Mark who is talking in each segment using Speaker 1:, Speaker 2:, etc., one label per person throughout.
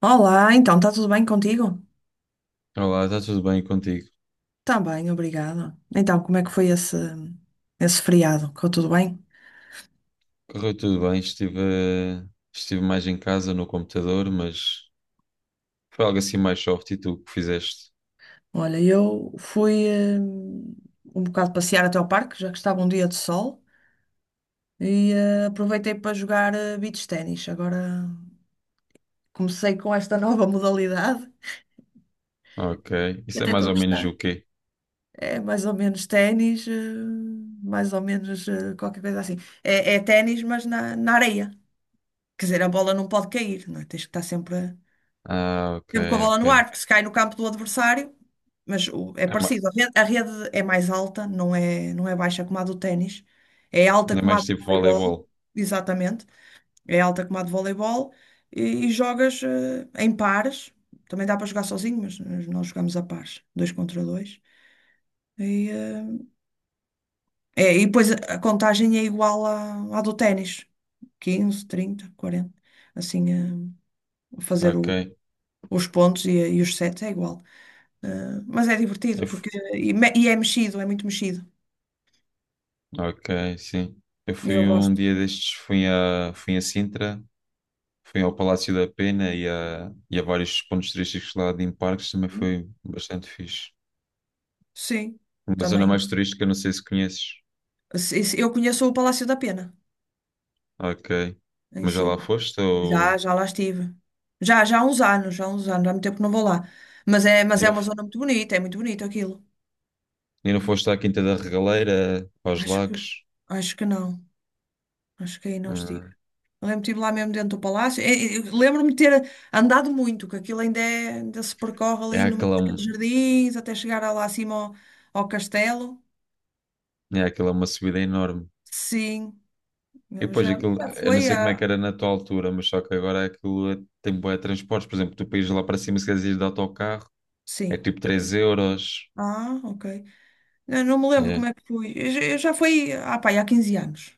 Speaker 1: Olá, então, está tudo bem contigo?
Speaker 2: Olá, está tudo bem contigo?
Speaker 1: Está bem, obrigada. Então, como é que foi esse feriado? Ficou tudo bem?
Speaker 2: Correu tudo bem, estive, estive mais em casa no computador, mas foi algo assim mais soft e tu que fizeste.
Speaker 1: Olha, eu fui um bocado passear até ao parque, já que estava um dia de sol, e aproveitei para jogar beach ténis. Agora comecei com esta nova modalidade
Speaker 2: Ok,
Speaker 1: e
Speaker 2: isso é
Speaker 1: até
Speaker 2: mais
Speaker 1: estou a
Speaker 2: ou menos
Speaker 1: gostar.
Speaker 2: o quê?
Speaker 1: É mais ou menos ténis, mais ou menos qualquer coisa assim. É ténis, mas na areia. Quer dizer, a bola não pode cair, não é? Tens que estar sempre.
Speaker 2: Ah, ok,
Speaker 1: Sempre com a bola
Speaker 2: ok.
Speaker 1: no ar, porque se cai no campo do adversário, mas é
Speaker 2: É mais,
Speaker 1: parecido. A rede é mais alta, não é baixa como a do ténis. É alta
Speaker 2: é
Speaker 1: como a
Speaker 2: mais
Speaker 1: do
Speaker 2: tipo
Speaker 1: voleibol,
Speaker 2: voleibol.
Speaker 1: exatamente. É alta como a do voleibol e, e jogas em pares. Também dá para jogar sozinho, mas nós jogamos a pares, dois contra dois. E, eh, e depois a contagem é igual à do ténis, 15, 30, 40. Assim, fazer
Speaker 2: Ok,
Speaker 1: os pontos e os sets é igual. Ah, mas é divertido,
Speaker 2: eu, fu-
Speaker 1: porque é mexido, é muito mexido.
Speaker 2: ok, sim. Eu
Speaker 1: E eu
Speaker 2: fui um
Speaker 1: gosto.
Speaker 2: dia destes, fui a Sintra, fui ao Palácio da Pena e a vários pontos turísticos lá de em parques, também foi bastante fixe.
Speaker 1: Sim,
Speaker 2: Uma zona
Speaker 1: também.
Speaker 2: mais turística, não sei se conheces.
Speaker 1: Eu conheço o Palácio da Pena,
Speaker 2: Ok.
Speaker 1: em
Speaker 2: Mas já
Speaker 1: si.
Speaker 2: lá foste
Speaker 1: Já,
Speaker 2: ou...
Speaker 1: já lá estive. Já, já há uns anos, já há uns anos, há muito tempo que não vou lá. Mas é, mas
Speaker 2: E
Speaker 1: é
Speaker 2: não,
Speaker 1: uma
Speaker 2: f-
Speaker 1: zona muito bonita, é muito bonito aquilo.
Speaker 2: e não foste à Quinta da Regaleira, aos
Speaker 1: Acho que,
Speaker 2: lagos?
Speaker 1: acho que não. Acho que aí não estive.
Speaker 2: Ah,
Speaker 1: Eu lembro-me estive lá mesmo dentro do palácio. Lembro-me de ter andado muito, que aquilo ainda, ainda se percorre
Speaker 2: é
Speaker 1: ali no meio
Speaker 2: aquela,
Speaker 1: daqueles jardins, até chegar lá acima ao castelo.
Speaker 2: é aquela uma subida enorme.
Speaker 1: Sim,
Speaker 2: E
Speaker 1: eu já,
Speaker 2: depois aquilo,
Speaker 1: já
Speaker 2: eu não
Speaker 1: foi
Speaker 2: sei como é que
Speaker 1: há.
Speaker 2: era na tua altura, mas só que agora tem bué de transportes. Por exemplo, tu para ires lá para cima, se quiseres ir de autocarro, é
Speaker 1: Sim.
Speaker 2: tipo 3 euros.
Speaker 1: Ah, ok. Eu não me lembro como
Speaker 2: É.
Speaker 1: é que fui. Eu já fui pá, há 15 anos.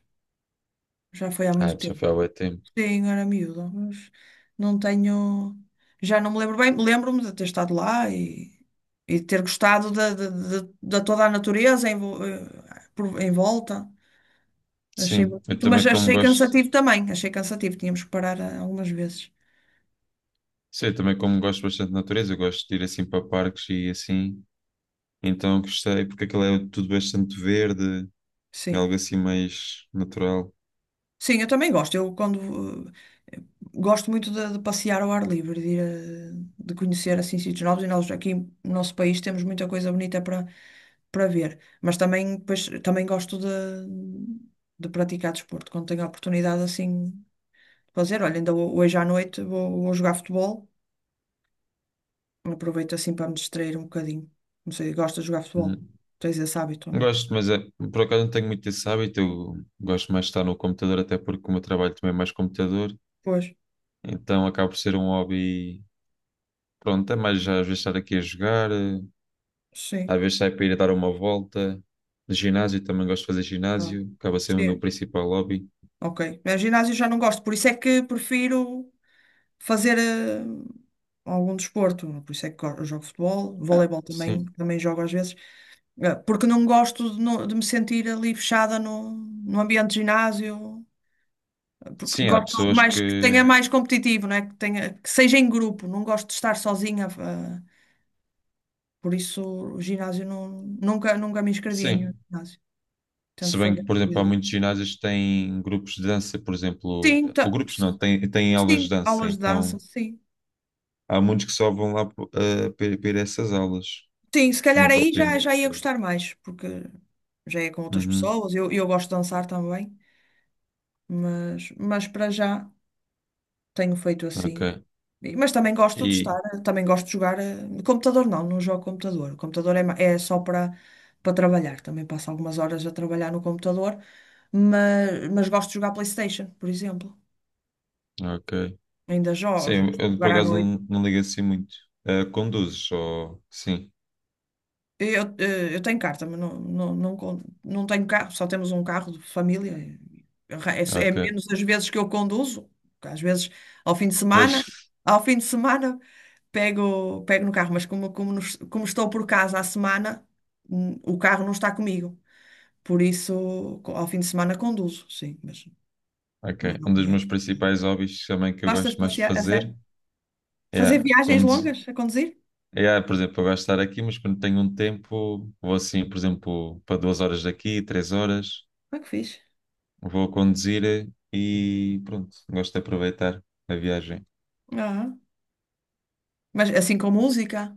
Speaker 1: Já foi há
Speaker 2: Ah,
Speaker 1: muito
Speaker 2: já
Speaker 1: tempo.
Speaker 2: foi há bué tempo.
Speaker 1: Sim, era miúda, mas não tenho. Já não me lembro bem. Lembro-me de ter estado lá e de ter gostado da toda a natureza em volta. Achei
Speaker 2: Sim, eu
Speaker 1: bonito, mas
Speaker 2: também como
Speaker 1: achei
Speaker 2: gosto,
Speaker 1: cansativo também. Achei cansativo. Tínhamos que parar algumas vezes.
Speaker 2: sim, eu também como gosto bastante de natureza, eu gosto de ir assim para parques e assim, então gostei, porque aquilo é tudo bastante verde, é
Speaker 1: Sim.
Speaker 2: algo assim mais natural.
Speaker 1: Sim, eu também gosto. Eh, Gosto muito de passear ao ar livre, de conhecer assim sítios novos e nós aqui no nosso país temos muita coisa bonita para ver. Mas também depois, também gosto de praticar desporto quando tenho a oportunidade assim de fazer. Olha, ainda hoje à noite vou, jogar futebol. Aproveito assim para me distrair um bocadinho. Não sei, gosto de jogar futebol.
Speaker 2: Hum.
Speaker 1: Tens esse hábito ou não?
Speaker 2: Gosto, mas é, por acaso não tenho muito esse hábito. Eu gosto mais de estar no computador, até porque o meu trabalho também é mais computador.
Speaker 1: Pois,
Speaker 2: Então acaba por ser um hobby. Pronto, é mais já às vezes estar aqui a jogar,
Speaker 1: sim.
Speaker 2: às vezes sair para ir a dar uma volta. No ginásio, também gosto de fazer
Speaker 1: Ah,
Speaker 2: ginásio. Acaba sendo o meu
Speaker 1: Sim,
Speaker 2: principal hobby.
Speaker 1: ok. Mas ginásio já não gosto, por isso é que prefiro fazer algum desporto. Por isso é que eu jogo futebol,
Speaker 2: Ah,
Speaker 1: voleibol também,
Speaker 2: sim.
Speaker 1: também jogo às vezes, porque não gosto de, de me sentir ali fechada no ambiente de ginásio, porque
Speaker 2: Sim, há
Speaker 1: gosto de algo
Speaker 2: pessoas
Speaker 1: mais que
Speaker 2: que.
Speaker 1: tenha mais competitivo, não é? Que tenha, que seja em grupo, não gosto de estar sozinha. Por isso o ginásio não, nunca me inscrevi em nenhum
Speaker 2: Sim.
Speaker 1: ginásio. Tento
Speaker 2: Se bem
Speaker 1: fazer.
Speaker 2: que, por exemplo, há muitos ginásios que têm grupos de dança, por exemplo,
Speaker 1: Sim,
Speaker 2: ou
Speaker 1: ta-
Speaker 2: grupos não, têm aulas de
Speaker 1: sim,
Speaker 2: dança,
Speaker 1: aulas de dança,
Speaker 2: então.
Speaker 1: sim.
Speaker 2: Há muitos que só vão lá para essas aulas,
Speaker 1: Sim, se calhar
Speaker 2: não
Speaker 1: aí já,
Speaker 2: propriamente.
Speaker 1: já ia gostar mais, porque já é com outras
Speaker 2: Uhum,
Speaker 1: pessoas. Eu gosto de dançar também, mas para já tenho feito
Speaker 2: ok.
Speaker 1: assim. Mas também gosto de estar,
Speaker 2: E,
Speaker 1: também gosto de jogar. No computador não, jogo computador. O computador é só para trabalhar. Também passo algumas horas a trabalhar no computador, mas gosto de jogar PlayStation, por exemplo.
Speaker 2: ok.
Speaker 1: Ainda jogo
Speaker 2: Sim, eu
Speaker 1: jogar
Speaker 2: por
Speaker 1: à
Speaker 2: acaso
Speaker 1: noite.
Speaker 2: não ligo assim muito. Eh, conduzes só. Sim,
Speaker 1: Eu tenho carta, mas não tenho carro, só temos um carro de família. É
Speaker 2: ok.
Speaker 1: menos as vezes que eu conduzo, porque às vezes ao fim de semana,
Speaker 2: Vejo.
Speaker 1: ao fim de semana pego, no carro, mas como estou por casa à semana, o carro não está comigo. Por isso, ao fim de semana conduzo, sim, mas
Speaker 2: Ok.
Speaker 1: não
Speaker 2: Um dos
Speaker 1: é.
Speaker 2: meus principais hobbies também que eu
Speaker 1: Gostas
Speaker 2: gosto
Speaker 1: de
Speaker 2: mais de
Speaker 1: passear, a
Speaker 2: fazer
Speaker 1: sério? Fazer
Speaker 2: é
Speaker 1: viagens
Speaker 2: conduzir.
Speaker 1: longas a conduzir?
Speaker 2: É, por exemplo, eu gosto de estar aqui, mas quando tenho um tempo, vou assim, por exemplo, para duas horas daqui, três horas,
Speaker 1: Ah, que fixe.
Speaker 2: vou conduzir e pronto, gosto de aproveitar a viagem.
Speaker 1: Ah, mas assim com música?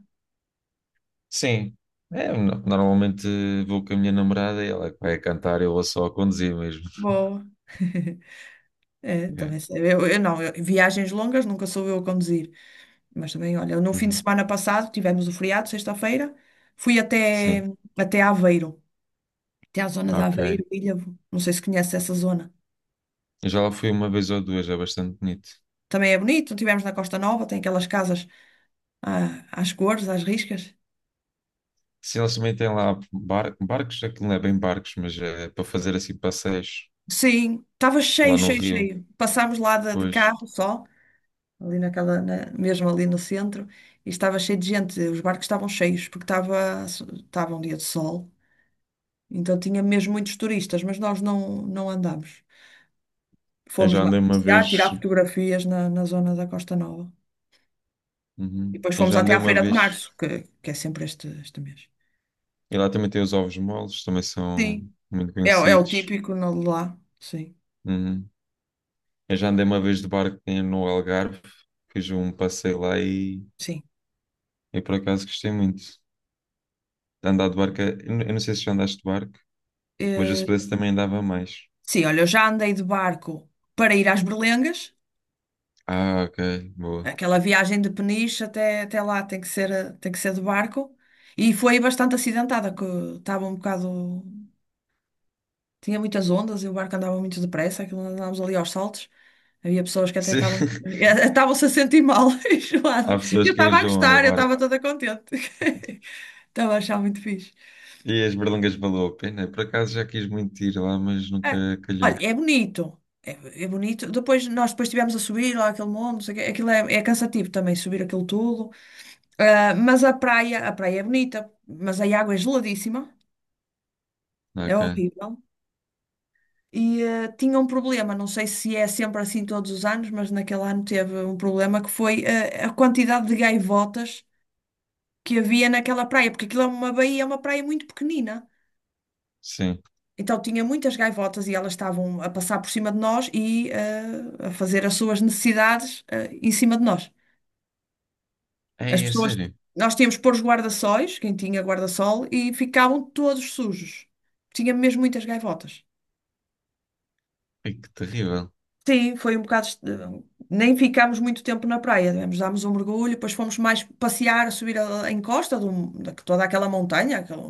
Speaker 2: Sim. É, normalmente vou com a minha namorada e ela é que vai a cantar, eu vou só a conduzir mesmo.
Speaker 1: Boa. É,
Speaker 2: É.
Speaker 1: também sei. Eu não, eu- Viagens longas nunca sou eu a conduzir. Mas também, olha, no fim de
Speaker 2: Uhum.
Speaker 1: semana passado tivemos o feriado, sexta-feira, fui
Speaker 2: Sim,
Speaker 1: até Aveiro, até à zona de
Speaker 2: ok.
Speaker 1: Aveiro, Ilhavo. Não sei se conhece essa zona.
Speaker 2: Eu já lá fui uma vez ou duas, é bastante bonito.
Speaker 1: Também é bonito, tivemos na Costa Nova, tem aquelas casas às cores, às riscas.
Speaker 2: Sim, eles também têm lá barcos, aquilo não é bem barcos, mas é para fazer assim passeios
Speaker 1: Sim, estava
Speaker 2: lá
Speaker 1: cheio,
Speaker 2: no
Speaker 1: cheio,
Speaker 2: rio.
Speaker 1: cheio. Passámos lá de
Speaker 2: Pois,
Speaker 1: carro só, ali mesmo ali no centro, e estava cheio de gente. Os barcos estavam cheios, porque estava um dia de sol. Então tinha mesmo muitos turistas, mas nós não andámos.
Speaker 2: eu
Speaker 1: Fomos
Speaker 2: já
Speaker 1: mais
Speaker 2: andei uma
Speaker 1: passear,
Speaker 2: vez,
Speaker 1: tirar fotografias na zona da Costa Nova. E
Speaker 2: uhum.
Speaker 1: depois
Speaker 2: Eu
Speaker 1: fomos
Speaker 2: já
Speaker 1: até
Speaker 2: andei
Speaker 1: à
Speaker 2: uma
Speaker 1: Feira de
Speaker 2: vez.
Speaker 1: Março, que é sempre este mês.
Speaker 2: E lá também tem os ovos moles, também são
Speaker 1: Sim,
Speaker 2: muito
Speaker 1: é o
Speaker 2: conhecidos.
Speaker 1: típico de lá. Sim,
Speaker 2: Uhum. Eu já andei uma vez de barco no Algarve, fiz um passeio lá.
Speaker 1: sim.
Speaker 2: Eu por acaso gostei muito de andar de barco. Eu não sei se já andaste de barco, mas o
Speaker 1: Eh,
Speaker 2: se também andava mais.
Speaker 1: sim, olha, eu já andei de barco para ir às Berlengas.
Speaker 2: Ah, ok, boa.
Speaker 1: Aquela viagem de Peniche até lá tem que ser, de barco. E foi bastante acidentada, que estava um bocado. Tinha muitas ondas e o barco andava muito depressa, aquilo andávamos ali aos saltos. Havia pessoas que até
Speaker 2: Sim.
Speaker 1: estavam estavam-se a sentir mal,
Speaker 2: Há
Speaker 1: enjoadas.
Speaker 2: pessoas
Speaker 1: Eu
Speaker 2: que
Speaker 1: estava a
Speaker 2: enjoam no
Speaker 1: gostar, eu estava
Speaker 2: barco.
Speaker 1: toda contente. Estava a achar muito fixe.
Speaker 2: E as berlangas valeu a pena. Por acaso já quis muito ir lá, mas
Speaker 1: Ah,
Speaker 2: nunca calhou.
Speaker 1: olha, é bonito. É bonito. Depois estivemos a subir lá aquele monte, não sei o quê. Aquilo é cansativo também subir aquilo tudo. Ah, mas a praia é bonita, mas a água é geladíssima. É
Speaker 2: Ok,
Speaker 1: horrível. E tinha um problema, não sei se é sempre assim todos os anos, mas naquele ano teve um problema que foi a quantidade de gaivotas que havia naquela praia, porque aquilo é uma baía, é uma praia muito pequenina.
Speaker 2: sim.
Speaker 1: Então tinha muitas gaivotas e elas estavam a passar por cima de nós e a fazer as suas necessidades em cima de nós. As
Speaker 2: Ei, é
Speaker 1: pessoas,
Speaker 2: sério.
Speaker 1: nós tínhamos que pôr os guarda-sóis, quem tinha guarda-sol, e ficavam todos sujos. Tinha mesmo muitas gaivotas.
Speaker 2: Ei, que terrível.
Speaker 1: Sim, foi um bocado. Nem ficámos muito tempo na praia. Dámos um mergulho, depois fomos mais passear, a subir a encosta de toda aquela montanha, aquela,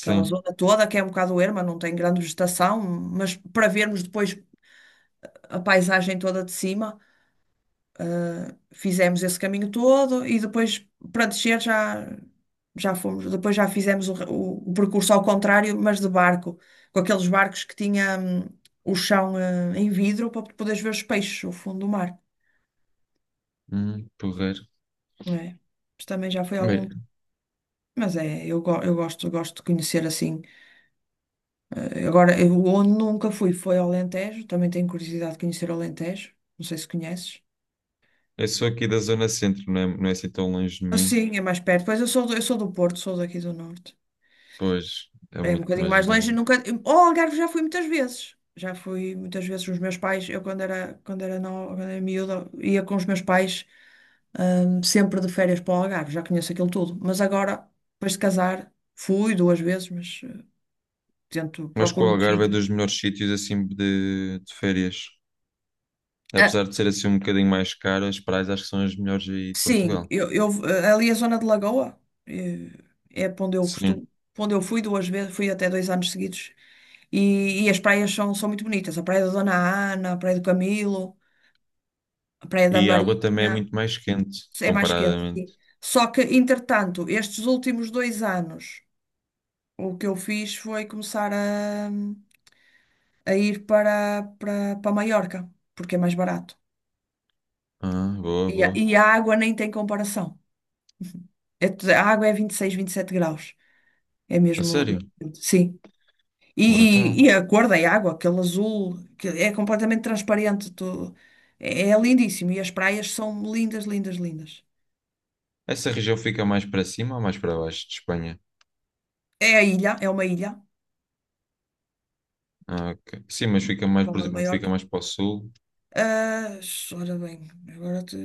Speaker 1: aquela zona toda que é um bocado erma, não tem grande vegetação, mas para vermos depois a paisagem toda de cima, fizemos esse caminho todo e depois para descer já fomos. Depois já fizemos o percurso ao contrário, mas de barco, com aqueles barcos que tinha, o chão, em vidro para poderes ver os peixes, o fundo do mar.
Speaker 2: Porreiro.
Speaker 1: É. Mas também já foi algum.
Speaker 2: Bem,
Speaker 1: Eu gosto de conhecer assim. Agora, eu, onde nunca fui foi ao Alentejo, também tenho curiosidade de conhecer o Alentejo. Não sei se conheces.
Speaker 2: eu sou aqui da zona centro, não é, não é assim tão longe de mim.
Speaker 1: Assim, é mais perto. Pois eu sou do Porto, sou daqui do Norte.
Speaker 2: Pois, é
Speaker 1: É um
Speaker 2: muito,
Speaker 1: bocadinho
Speaker 2: mas
Speaker 1: mais
Speaker 2: não
Speaker 1: longe,
Speaker 2: é.
Speaker 1: nunca. Ao Algarve já fui muitas vezes. Já fui muitas vezes com os meus pais. Eu quando era, no, quando era miúda, ia com os meus pais, sempre de férias para o Algarve, já conheço aquilo tudo. Mas agora, depois de casar, fui duas vezes, mas. Tento,
Speaker 2: Mas que
Speaker 1: procuro
Speaker 2: o
Speaker 1: um
Speaker 2: Algarve é
Speaker 1: sítios.
Speaker 2: dos melhores sítios assim de férias.
Speaker 1: Ah,
Speaker 2: Apesar de ser assim um bocadinho mais caro, as praias acho que são as melhores aí de
Speaker 1: sim,
Speaker 2: Portugal.
Speaker 1: ali a zona de Lagoa eh, é para onde eu
Speaker 2: Sim.
Speaker 1: costumo, para onde eu fui duas vezes, fui até dois anos seguidos. E as praias são muito bonitas. A Praia da Dona Ana, a Praia do Camilo, a Praia da
Speaker 2: E a água também é
Speaker 1: Marinha.
Speaker 2: muito mais quente,
Speaker 1: É mais quente,
Speaker 2: comparadamente.
Speaker 1: sim. Só que, entretanto, estes últimos dois anos, o que eu fiz foi começar a ir para Maiorca, porque é mais barato.
Speaker 2: Ah, boa,
Speaker 1: E
Speaker 2: boa.
Speaker 1: a água nem tem comparação. É a água é 26, sete graus. É
Speaker 2: A
Speaker 1: mesmo.
Speaker 2: sério?
Speaker 1: Sim.
Speaker 2: Brutal.
Speaker 1: E a cor da água, aquele azul, que é completamente transparente. É lindíssimo. E as praias são lindas, lindas, lindas.
Speaker 2: Essa região fica mais para cima ou mais para baixo de Espanha?
Speaker 1: É a ilha, é uma ilha.
Speaker 2: Ah, ok. Sim, mas fica mais, por
Speaker 1: Palma de
Speaker 2: exemplo, fica
Speaker 1: Maiorca.
Speaker 2: mais para o sul.
Speaker 1: Ah, ora bem, agora te...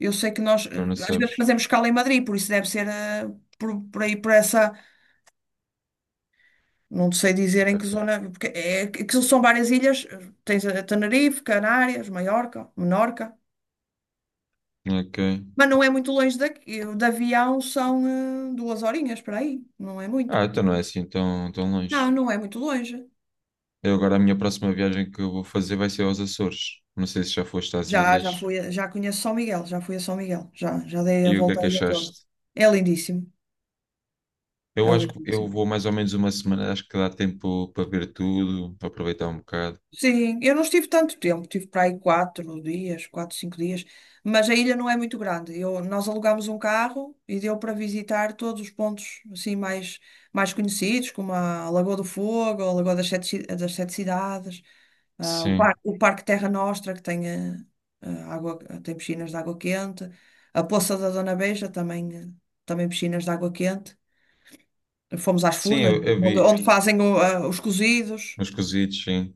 Speaker 1: Eu sei que nós
Speaker 2: Tu não
Speaker 1: às vezes
Speaker 2: sabes.
Speaker 1: fazemos escala em Madrid, por isso deve ser por aí, por essa. Não sei dizer em que
Speaker 2: Ok.
Speaker 1: zona, porque é, aquilo são várias ilhas. Tens a Tenerife, Canárias, Maiorca, Menorca.
Speaker 2: Ok.
Speaker 1: Mas não é muito longe daqui. De avião são 2 horinhas para aí. Não é muito.
Speaker 2: Ah, então não é assim tão, tão
Speaker 1: Não,
Speaker 2: longe.
Speaker 1: não é muito longe.
Speaker 2: Eu agora a minha próxima viagem que eu vou fazer vai ser aos Açores. Não sei se já foste às
Speaker 1: Já
Speaker 2: ilhas.
Speaker 1: fui, já conheço São Miguel, já fui a São Miguel, já dei a
Speaker 2: E o que é
Speaker 1: volta
Speaker 2: que
Speaker 1: aí a toda.
Speaker 2: achaste?
Speaker 1: É lindíssimo, é
Speaker 2: Eu acho que eu
Speaker 1: lindíssimo.
Speaker 2: vou mais ou menos uma semana, acho que dá tempo para ver tudo, para aproveitar um bocado.
Speaker 1: Sim, eu não estive tanto tempo, tive para aí quatro dias, quatro, cinco dias, mas a ilha não é muito grande. Nós alugámos um carro e deu para visitar todos os pontos assim mais conhecidos, como a Lagoa do Fogo, a Lagoa das Sete Cidades. Ah,
Speaker 2: Sim,
Speaker 1: o Parque Terra Nostra, que tem, água, tem piscinas de água quente. A Poça da Dona Beija também, também piscinas de água quente. Fomos às
Speaker 2: sim,
Speaker 1: Furnas,
Speaker 2: eu vi
Speaker 1: onde fazem os cozidos.
Speaker 2: uns cozidos, sim.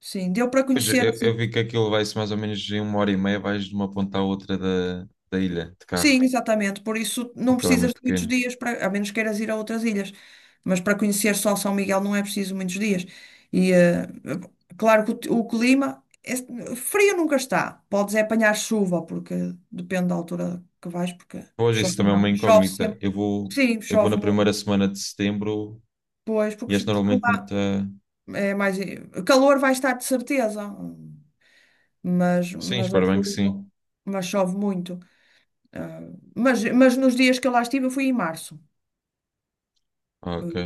Speaker 1: Sim, deu para
Speaker 2: Mas
Speaker 1: conhecer assim.
Speaker 2: eu vi que aquilo vai-se mais ou menos em uma hora e meia, vais de uma ponta à outra da ilha, de carro.
Speaker 1: Sim, exatamente. Por isso não
Speaker 2: Aquilo é
Speaker 1: precisas
Speaker 2: muito
Speaker 1: de muitos
Speaker 2: pequeno.
Speaker 1: dias, para, a menos queiras ir a outras ilhas. Mas para conhecer só São Miguel não é preciso muitos dias. E eh, claro que o clima é, frio nunca está. Podes é apanhar chuva, porque depende da altura que vais, porque
Speaker 2: Pois,
Speaker 1: chove,
Speaker 2: isso também é uma
Speaker 1: não- chove
Speaker 2: incógnita.
Speaker 1: sempre. Sim,
Speaker 2: Eu vou
Speaker 1: chove
Speaker 2: na
Speaker 1: muito.
Speaker 2: primeira semana de setembro
Speaker 1: Pois,
Speaker 2: e este
Speaker 1: porque
Speaker 2: normalmente não
Speaker 1: lá
Speaker 2: está...
Speaker 1: é mais. Eh, Calor vai estar de certeza,
Speaker 2: Sim,
Speaker 1: mas a
Speaker 2: espero bem que
Speaker 1: chuva,
Speaker 2: sim.
Speaker 1: mas chove muito. Ah, mas nos dias que eu lá estive, eu fui em março.
Speaker 2: Ok.
Speaker 1: Eh,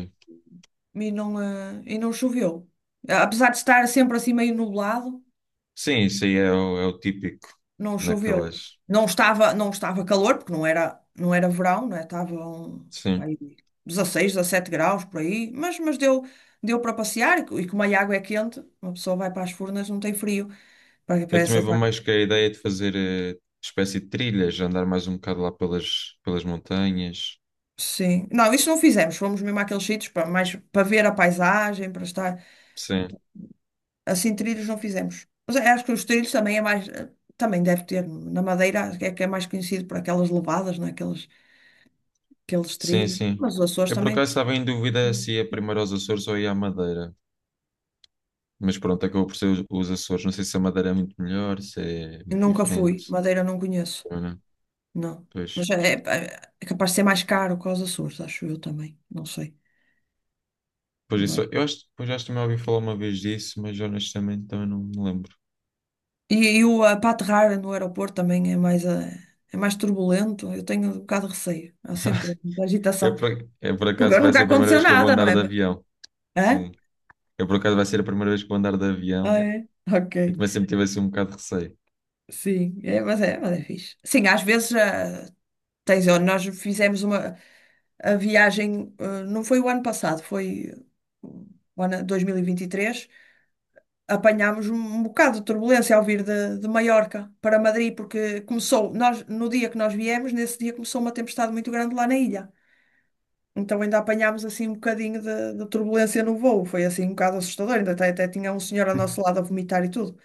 Speaker 1: e não choveu. Apesar de estar sempre assim meio nublado,
Speaker 2: Sim, isso aí é é o típico
Speaker 1: não choveu.
Speaker 2: naquelas...
Speaker 1: Não estava calor, porque não era verão, né? Estava um, pá,
Speaker 2: Sim.
Speaker 1: aí 16, 17 graus por aí, deu para passear e como a água é quente, uma pessoa vai para as furnas, não tem frio. Para
Speaker 2: Eu também
Speaker 1: essas
Speaker 2: vou
Speaker 1: águas.
Speaker 2: mais com a ideia de fazer espécie de trilhas, andar mais um bocado lá pelas montanhas.
Speaker 1: Sim. Não, isso não fizemos. Fomos mesmo àqueles sítios para mais para ver a paisagem, para estar.
Speaker 2: Sim,
Speaker 1: Assim, trilhos não fizemos. Mas eu acho que os trilhos também é mais. Eh, Também deve ter. Na Madeira acho que é mais conhecido por aquelas levadas, né? Aqueles, aqueles trilhos.
Speaker 2: sim.
Speaker 1: Mas os Açores
Speaker 2: Eu por
Speaker 1: também.
Speaker 2: acaso estava em dúvida
Speaker 1: Hum.
Speaker 2: se ia primeiro aos Açores ou ia à Madeira. Mas pronto, acabou por ser os Açores. Não sei se a Madeira é muito melhor, se é
Speaker 1: Eu
Speaker 2: muito
Speaker 1: nunca fui.
Speaker 2: diferente,
Speaker 1: Madeira não conheço.
Speaker 2: ou não.
Speaker 1: Não.
Speaker 2: Pois,
Speaker 1: Mas é, é capaz de ser mais caro que os Açores, acho eu também. Não sei.
Speaker 2: pois
Speaker 1: Não é?
Speaker 2: isso, eu acho, pois acho que também ouvi falar uma vez disso, mas honestamente também não me lembro.
Speaker 1: Para aterrar no aeroporto também é mais, eh, é mais turbulento. Eu tenho um bocado de receio. Há sempre muita
Speaker 2: Eu
Speaker 1: agitação.
Speaker 2: por, é por acaso vai
Speaker 1: Nunca
Speaker 2: ser a primeira
Speaker 1: aconteceu
Speaker 2: vez que eu vou
Speaker 1: nada, não
Speaker 2: andar
Speaker 1: é?
Speaker 2: de
Speaker 1: Mas,
Speaker 2: avião.
Speaker 1: hã?
Speaker 2: Sim. Eu por acaso vai ser a primeira vez que vou andar de
Speaker 1: Ah,
Speaker 2: avião.
Speaker 1: é? Ok.
Speaker 2: E também sempre tive assim um bocado de receio.
Speaker 1: Sim, é, mas é fixe. Sim, às vezes tens, ó, nós fizemos uma a viagem, ah, não foi o ano passado, foi uh, o ano 2023, apanhámos um, um bocado de turbulência ao vir de Maiorca para Madrid, porque começou, nós, no dia que nós viemos, nesse dia começou uma tempestade muito grande lá na ilha. Então ainda apanhámos assim um bocadinho de turbulência no voo, foi assim um bocado assustador, ainda até tinha um senhor ao nosso lado a vomitar e tudo.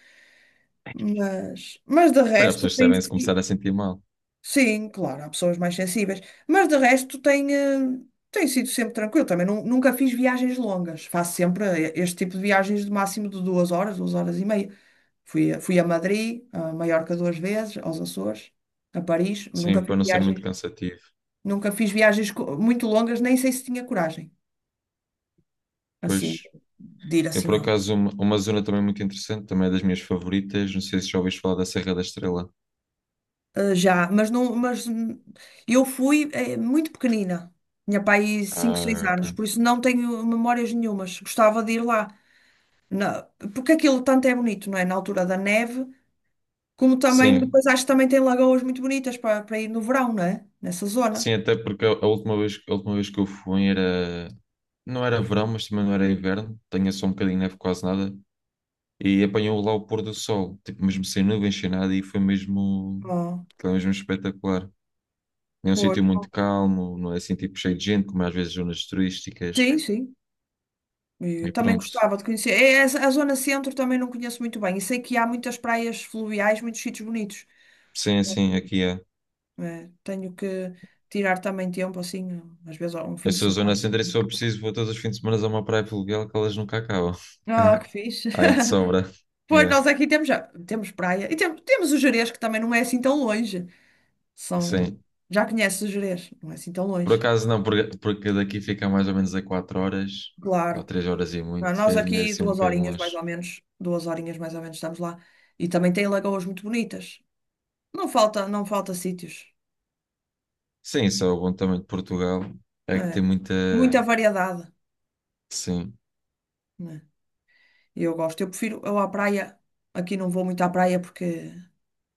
Speaker 1: Mas de
Speaker 2: Olha, as
Speaker 1: resto
Speaker 2: pessoas
Speaker 1: tem
Speaker 2: devem se começar
Speaker 1: sido.
Speaker 2: a sentir mal.
Speaker 1: Sim, claro, há pessoas mais sensíveis, mas de resto tem sido sempre tranquilo. Também nunca fiz viagens longas, faço sempre eh, este tipo de viagens de máximo de 2 horas, 2 horas e meia. Fui a Madrid, a Maiorca 2 vezes, aos Açores, a Paris. Nunca
Speaker 2: Sim,
Speaker 1: fiz
Speaker 2: para não ser muito
Speaker 1: viagens,
Speaker 2: cansativo.
Speaker 1: nunca fiz muito longas, nem sei se tinha coragem, assim,
Speaker 2: Pois,
Speaker 1: de ir
Speaker 2: eu
Speaker 1: assim.
Speaker 2: por
Speaker 1: Ó.
Speaker 2: acaso, uma zona também muito interessante, também é das minhas favoritas. Não sei se já ouviste falar da Serra da Estrela.
Speaker 1: Já, mas não, mas eu fui eh, muito pequenina. Tinha pai cinco seis
Speaker 2: Ah, ok.
Speaker 1: anos, por isso não tenho memórias nenhumas. Gostava de ir lá. na- porque aquilo tanto é bonito, não é? Na altura da neve, como também,
Speaker 2: Sim,
Speaker 1: depois acho que também tem lagoas muito bonitas para ir no verão, não é? Nessa zona.
Speaker 2: sim, até porque a última vez que eu fui era. Não era verão, mas também não era inverno. Tinha só um bocadinho de neve, quase nada. E apanhou lá o pôr do sol, tipo, mesmo sem nuvens, sem nada, e foi mesmo.
Speaker 1: Ah,
Speaker 2: Foi mesmo espetacular. É um
Speaker 1: pois.
Speaker 2: sítio muito calmo, não é assim, tipo, cheio de gente, como é às vezes zonas turísticas.
Speaker 1: Sim, sim. Eu
Speaker 2: E
Speaker 1: também
Speaker 2: pronto.
Speaker 1: gostava de conhecer. É, a zona centro também não conheço muito bem. E sei que há muitas praias fluviais, muitos sítios bonitos.
Speaker 2: Sim, aqui é.
Speaker 1: É, tenho que tirar também tempo, assim, às vezes um fim
Speaker 2: Eu
Speaker 1: de
Speaker 2: sou zona
Speaker 1: semana.
Speaker 2: centro e se for preciso, vou todos os fins de semana a uma praia fluvial que elas nunca acabam.
Speaker 1: Ah, que fixe.
Speaker 2: Aí de sobra.
Speaker 1: Pois
Speaker 2: É,
Speaker 1: nós aqui temos, já, temos praia e temos, temos o Gerês, que também não é assim tão longe. São...
Speaker 2: sim.
Speaker 1: Já conheces Jerez, não é assim tão
Speaker 2: Por
Speaker 1: longe.
Speaker 2: acaso não, porque, porque daqui fica mais ou menos a 4 horas, ou
Speaker 1: Claro.
Speaker 2: 3 horas e
Speaker 1: Ah,
Speaker 2: muito, e
Speaker 1: nós
Speaker 2: ainda é
Speaker 1: aqui
Speaker 2: assim um
Speaker 1: duas
Speaker 2: bocadinho
Speaker 1: horinhas mais
Speaker 2: longe.
Speaker 1: ou menos, duas horinhas mais ou menos estamos lá. E também tem lagoas muito bonitas. Não falta sítios.
Speaker 2: Sim, só o bom também de Portugal é que tem
Speaker 1: É.
Speaker 2: muita.
Speaker 1: Muita variedade,
Speaker 2: Sim.
Speaker 1: né? E eu gosto. Eu à praia, aqui não vou muito à praia porque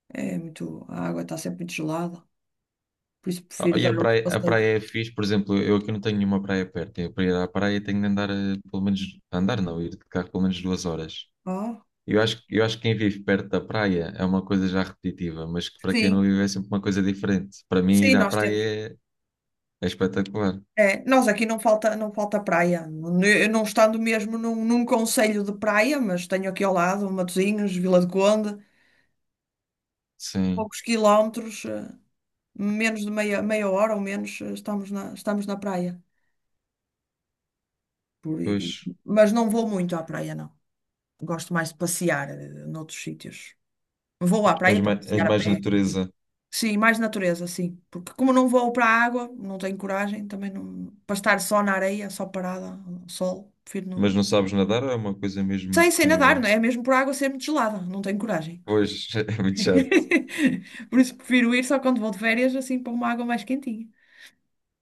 Speaker 1: é muito, a água está sempre muito gelada. Por isso
Speaker 2: Ah,
Speaker 1: prefiro
Speaker 2: e
Speaker 1: dar outros
Speaker 2: a
Speaker 1: passeios.
Speaker 2: praia é fixe, por exemplo, eu aqui não tenho nenhuma praia perto. Eu para ir à praia tenho de andar pelo menos. Andar não, ir de carro pelo menos duas horas.
Speaker 1: Ah,
Speaker 2: Eu acho que quem vive perto da praia é uma coisa já repetitiva, mas que para quem não
Speaker 1: sim,
Speaker 2: vive é sempre uma coisa diferente. Para mim,
Speaker 1: sim,
Speaker 2: ir à
Speaker 1: nós
Speaker 2: praia
Speaker 1: temos.
Speaker 2: é, é espetacular.
Speaker 1: É, nós aqui não falta praia. Eu não estando mesmo num concelho de praia, mas tenho aqui ao lado Matosinhos, Vila do Conde,
Speaker 2: Sim,
Speaker 1: poucos quilómetros, eh, menos de meia, meia hora ou menos, eh, estamos na praia. Por, e-
Speaker 2: pois.
Speaker 1: mas não vou muito à praia, não. Gosto mais de passear, eh, noutros sítios. Vou à praia para
Speaker 2: És
Speaker 1: passear a
Speaker 2: mais
Speaker 1: pé. Quer dizer.
Speaker 2: natureza,
Speaker 1: Sim, mais natureza, sim. Porque como não vou para a água, não tenho coragem, também não, para estar só na areia, só parada, ao sol, prefiro não.
Speaker 2: mas não sabes nadar é uma coisa mesmo
Speaker 1: Sei, sei nadar,
Speaker 2: que.
Speaker 1: não é? É mesmo por água ser muito gelada, não tenho coragem.
Speaker 2: Pois, é muito chato.
Speaker 1: Por isso prefiro ir só quando vou de férias, assim, para uma água mais quentinha.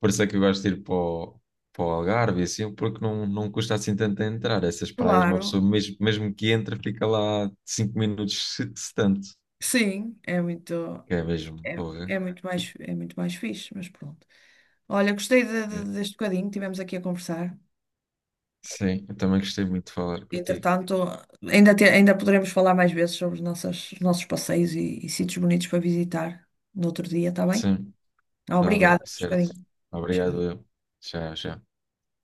Speaker 2: Por isso é que eu gosto de ir para o Algarve, e assim, porque não custa assim tanto a entrar. Essas praias, uma
Speaker 1: Claro,
Speaker 2: pessoa mesmo, mesmo que entra, fica lá cinco minutos, se tanto.
Speaker 1: sim, é muito,
Speaker 2: Que é mesmo,
Speaker 1: é,
Speaker 2: porra.
Speaker 1: é muito mais fixe, mas pronto. Olha, gostei
Speaker 2: É.
Speaker 1: deste bocadinho que tivemos aqui a conversar.
Speaker 2: Sim, eu também gostei muito de falar contigo.
Speaker 1: Entretanto, ainda poderemos falar mais vezes sobre os nossos passeios e sítios bonitos para visitar no outro dia, está bem?
Speaker 2: Sim. Está bem,
Speaker 1: Obrigada, por este
Speaker 2: certo.
Speaker 1: bocadinho.
Speaker 2: Obrigado, eu. Tchau, tchau.